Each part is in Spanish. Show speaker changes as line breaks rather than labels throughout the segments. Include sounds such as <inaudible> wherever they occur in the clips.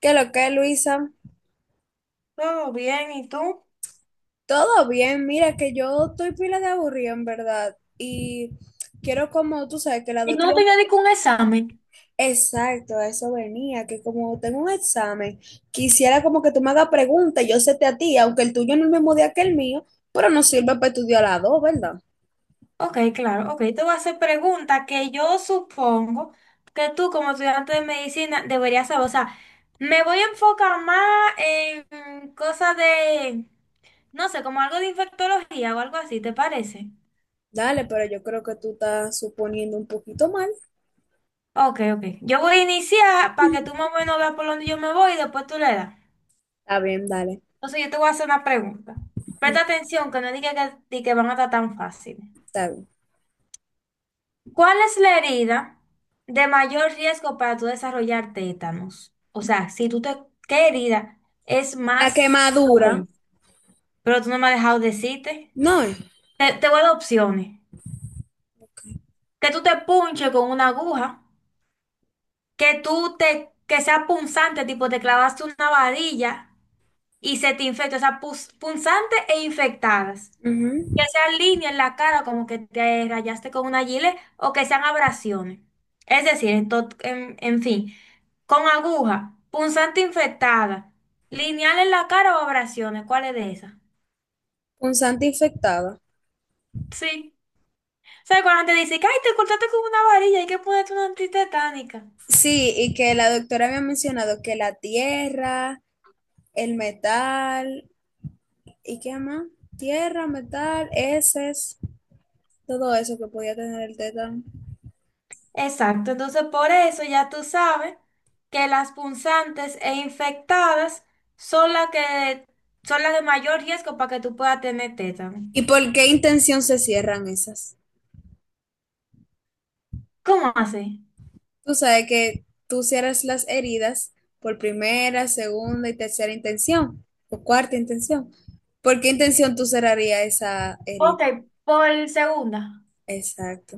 ¿Qué lo que, Luisa?
Todo bien, ¿y tú?
Todo bien, mira que yo estoy pila de aburrido en verdad y quiero como tú sabes que la
Y
dos
no
días...
tenía ningún examen.
Exacto, a eso venía, que como tengo un examen, quisiera como que tú me hagas preguntas, y yo sé te a ti, aunque el tuyo no es el mismo día que el mío, pero nos sirve para estudiar las dos, ¿verdad?
Ok, claro, ok. Te voy a hacer preguntas que yo supongo que tú como estudiante de medicina deberías saber. O sea, me voy a enfocar más en cosas de, no sé, como algo de infectología o algo así, ¿te parece?
Dale, pero yo creo que tú estás suponiendo un poquito mal.
Ok, ok. Yo voy a iniciar para que tú más o menos veas por dónde yo me voy y después tú le das.
Está bien, dale,
Entonces yo te voy a hacer una pregunta. Presta atención, que no diga que, di que van a estar tan fácil.
está bien.
¿Cuál es la herida de mayor riesgo para tú desarrollar tétanos? O sea, si tú te, ¿qué herida es
La
más?
quemadura,
Ok. Pero tú no me has dejado decirte.
no es.
Te voy a dar opciones. Que tú te punches con una aguja, que tú te, que sea punzante, tipo te clavaste una varilla y se te infecta, o sea, punzante e infectadas. Que
Ujú,
sean líneas en la cara, como que te rayaste con una gilet, o que sean abrasiones. Es decir, en fin, con aguja, punzante infectada, lineal en la cara o abrasiones, ¿cuál es de esas?
punzante infectada.
Sí. ¿Sabes cuando te dice que ay, te cortaste con una varilla, hay que ponerte una antitetánica?
Sí, y que la doctora había mencionado que la tierra, el metal, ¿y qué más? Tierra, metal, heces, todo eso que podía tener el tétano.
Exacto, entonces por eso ya tú sabes que las punzantes e infectadas son las que son las de mayor riesgo para que tú puedas tener tétano.
¿Y por qué intención se cierran esas?
¿Cómo así?
Tú sabes que tú cierras las heridas por primera, segunda y tercera intención, o cuarta intención. ¿Por qué intención tú cerrarías esa herida?
Ok, por segunda.
Exacto.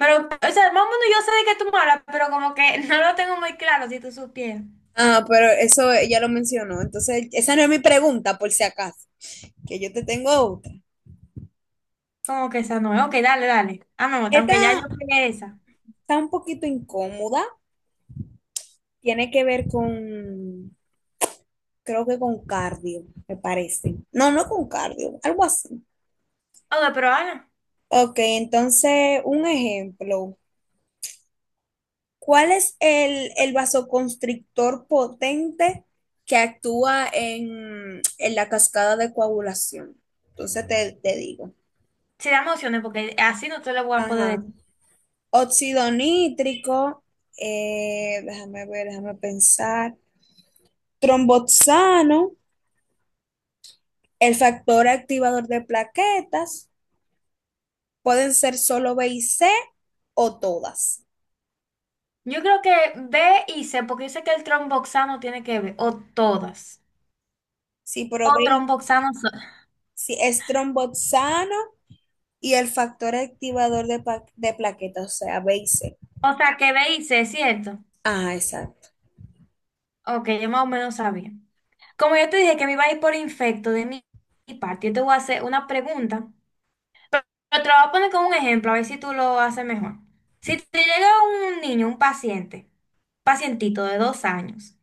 Pero, o sea, más o menos yo sé de qué tú me hablas, pero como que <laughs> no lo tengo muy claro si tú supieras.
Ah, pero eso ya lo mencionó. Entonces, esa no es mi pregunta, por si acaso, que yo te tengo otra.
Como que esa no es. Ok, dale, dale. Ah, me gusta, aunque ya yo
Esta
pegué esa.
está un poquito incómoda, tiene que ver con, creo que con cardio, me parece. No, no con cardio, algo así.
Ok, pero Ana,
Ok, entonces un ejemplo. ¿Cuál es el vasoconstrictor potente que actúa en la cascada de coagulación? Entonces te digo.
si da emociones, porque así no te lo voy a poder
Ajá.
decir.
Óxido nítrico, déjame ver, déjame pensar. Tromboxano. El factor activador de plaquetas pueden ser solo B y C o todas.
Yo creo que B y C, porque yo sé que el tromboxano tiene que ver, o todas.
Si
O
probé,
tromboxano solo.
si es tromboxano y el factor activador de plaquetas, o sea, B y C.
O sea, que B y C, ¿cierto?
Ah, exacto.
Ok, yo más o menos sabía. Como yo te dije que me iba a ir por infecto de mi parte, yo te voy a hacer una pregunta. Pero te lo voy a poner como un ejemplo, a ver si tú lo haces mejor. Si te llega un niño, un paciente, pacientito de 2 años,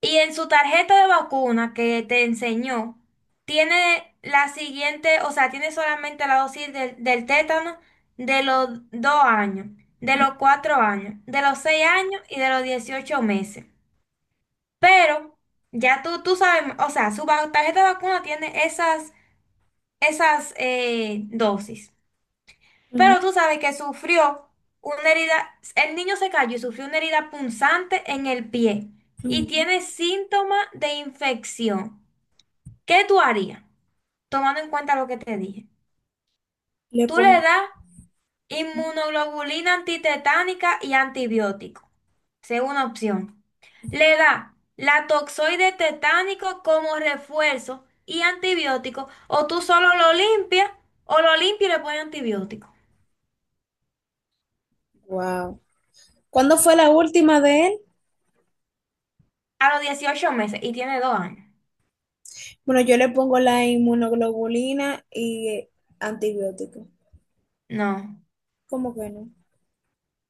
y en su tarjeta de vacuna que te enseñó, tiene la siguiente, o sea, tiene solamente la dosis del tétano de los 2 años, de los 4 años, de los 6 años y de los 18 meses. Pero ya tú sabes, o sea, su tarjeta de vacuna tiene esas dosis. Pero
Ujú,
tú sabes que sufrió una herida, el niño se cayó y sufrió una herida punzante en el pie y
ujú.
tiene síntomas de infección. ¿Qué tú harías? Tomando en cuenta lo que te dije.
Le
Tú le
pongo,
das inmunoglobulina antitetánica y antibiótico. Segunda opción. Le da la toxoide tetánico como refuerzo y antibiótico, o tú solo lo limpias, o lo limpias y le pones antibiótico.
wow. ¿Cuándo fue la última de él?
A los 18 meses y tiene 2 años.
Bueno, yo le pongo la inmunoglobulina y antibiótico.
No,
¿Cómo que no?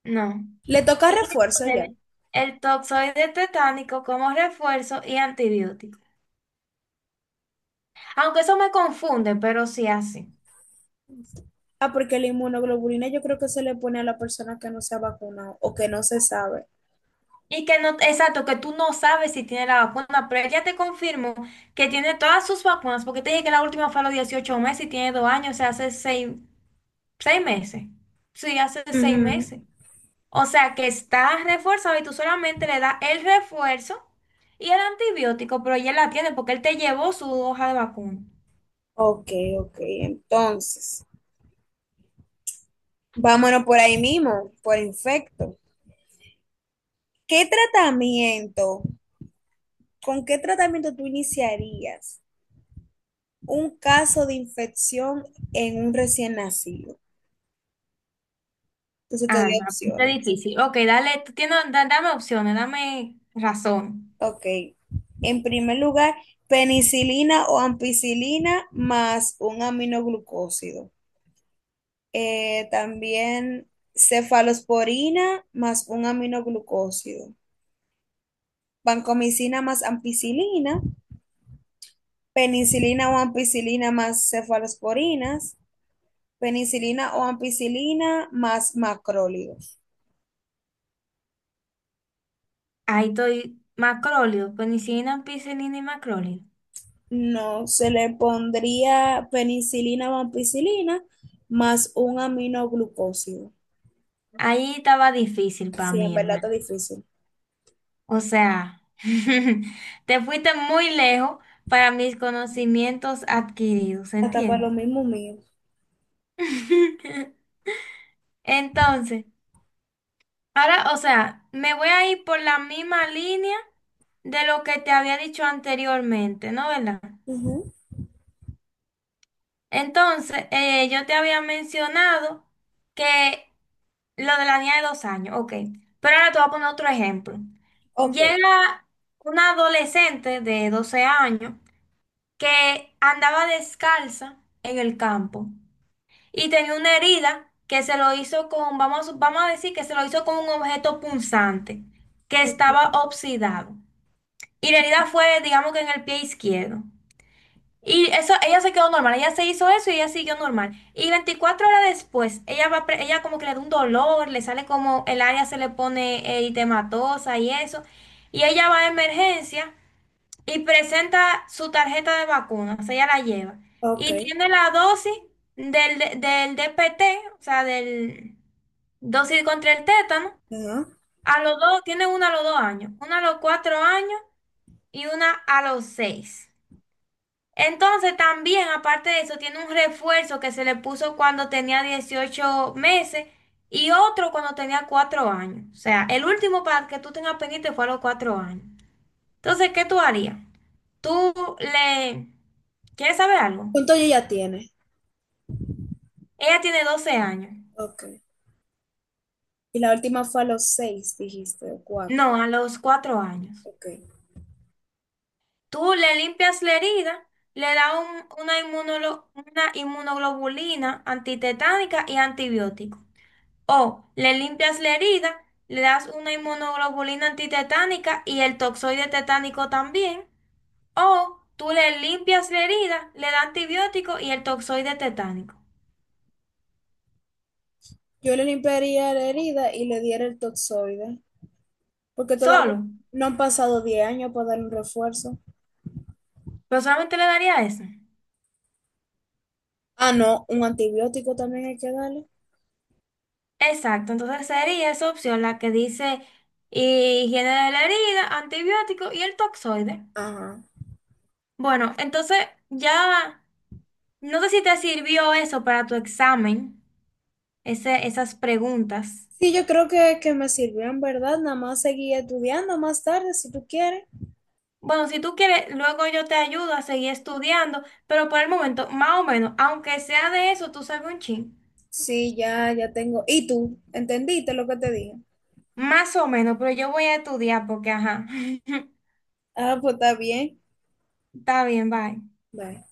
no.
Le toca
Tiene que
refuerzo ya.
poner el toxoide tetánico como refuerzo y antibiótico. Aunque eso me confunde, pero sí así.
Ah, porque la inmunoglobulina yo creo que se le pone a la persona que no se ha vacunado o que no se sabe.
Y que no, exacto, que tú no sabes si tiene la vacuna, pero ella te confirmó que tiene todas sus vacunas, porque te dije que la última fue a los 18 meses y tiene dos años, o sea, hace seis meses. Sí, hace seis
Ujú.
meses. O sea, que está reforzado y tú solamente le das el refuerzo y el antibiótico, pero ella la tiene porque él te llevó su hoja de vacuna.
Ok, ok. Entonces, vámonos por ahí mismo, por infecto. ¿Qué tratamiento, con qué tratamiento tú iniciarías un caso de infección en un recién nacido? Entonces te doy
Ah, no, está
opciones.
difícil. Ok, dale, tú tienes, dame opciones, dame razón.
Ok. En primer lugar, penicilina o ampicilina más un aminoglucósido. También cefalosporina más un aminoglucósido, vancomicina más ampicilina, penicilina o ampicilina más cefalosporinas, penicilina o ampicilina más macrólidos.
Ahí estoy, macróleo, penicilina, ampicilina y macróleo.
No, se le pondría penicilina o ampicilina más un aminoglucósido.
Ahí estaba difícil para
Sí, en
mí, en
verdad está
verdad.
difícil.
O sea, <laughs> te fuiste muy lejos para mis conocimientos adquiridos,
Hasta para
¿entiendes?
lo mismo mío.
<laughs> Entonces. Ahora, o sea, me voy a ir por la misma línea de lo que te había dicho anteriormente, ¿no? ¿Verdad?
Ujú.
Entonces, yo te había mencionado que lo de la niña de 2 años, ok. Pero ahora te voy a poner otro ejemplo.
Ok,
Llega una adolescente de 12 años que andaba descalza en el campo. Y tenía una herida que se lo hizo con, vamos a decir que se lo hizo con un objeto punzante que estaba
Ok.
oxidado. Y la herida fue, digamos que en el pie izquierdo. Y eso, ella se quedó normal, ella se hizo eso y ella siguió normal. Y 24 horas después, ella va, ella como que le da un dolor, le sale como el área se le pone eritematosa y eso. Y ella va a emergencia y presenta su tarjeta de vacuna o sea, ella la lleva,
Ok.
y tiene la dosis del DPT, o sea, del dosis contra el tétano,
Ajá.
a los dos, tiene una a los 2 años, una a los 4 años y una a los seis. Entonces, también, aparte de eso, tiene un refuerzo que se le puso cuando tenía 18 meses y otro cuando tenía 4 años. O sea, el último para que tú tengas pendiente fue a los 4 años. Entonces, ¿qué tú harías? Tú le... ¿Quieres saber algo?
¿Cuánto ella ya tiene?
Ella tiene 12 años.
Ok. Y la última fue a los seis, dijiste, o cuatro.
No, a los 4 años.
Ok.
Tú le limpias la herida, le das una inmunoglobulina antitetánica y antibiótico. O le limpias la herida, le das una inmunoglobulina antitetánica y el toxoide tetánico también. O tú le limpias la herida, le das antibiótico y el toxoide tetánico.
Yo le limpiaría la herida y le diera el toxoide, porque todavía
Solo.
no han pasado 10 años para dar un refuerzo.
Pero solamente le daría eso.
Ah, no, un antibiótico también hay que darle.
Exacto, entonces sería esa opción la que dice higiene de la herida, antibiótico y el toxoide.
Ajá.
Bueno, entonces ya no sé si te sirvió eso para tu examen, esas preguntas.
Sí, yo creo que me sirvió en verdad. Nada más seguí estudiando más tarde si tú quieres.
Bueno, si tú quieres, luego yo te ayudo a seguir estudiando, pero por el momento, más o menos, aunque sea de eso, tú sabes un chin.
Sí, ya, ya tengo. ¿Y tú? ¿Entendiste lo que te dije?
Más o menos, pero yo voy a estudiar porque, ajá. <laughs>
Ah, pues está bien.
Está bien, bye.
Bye.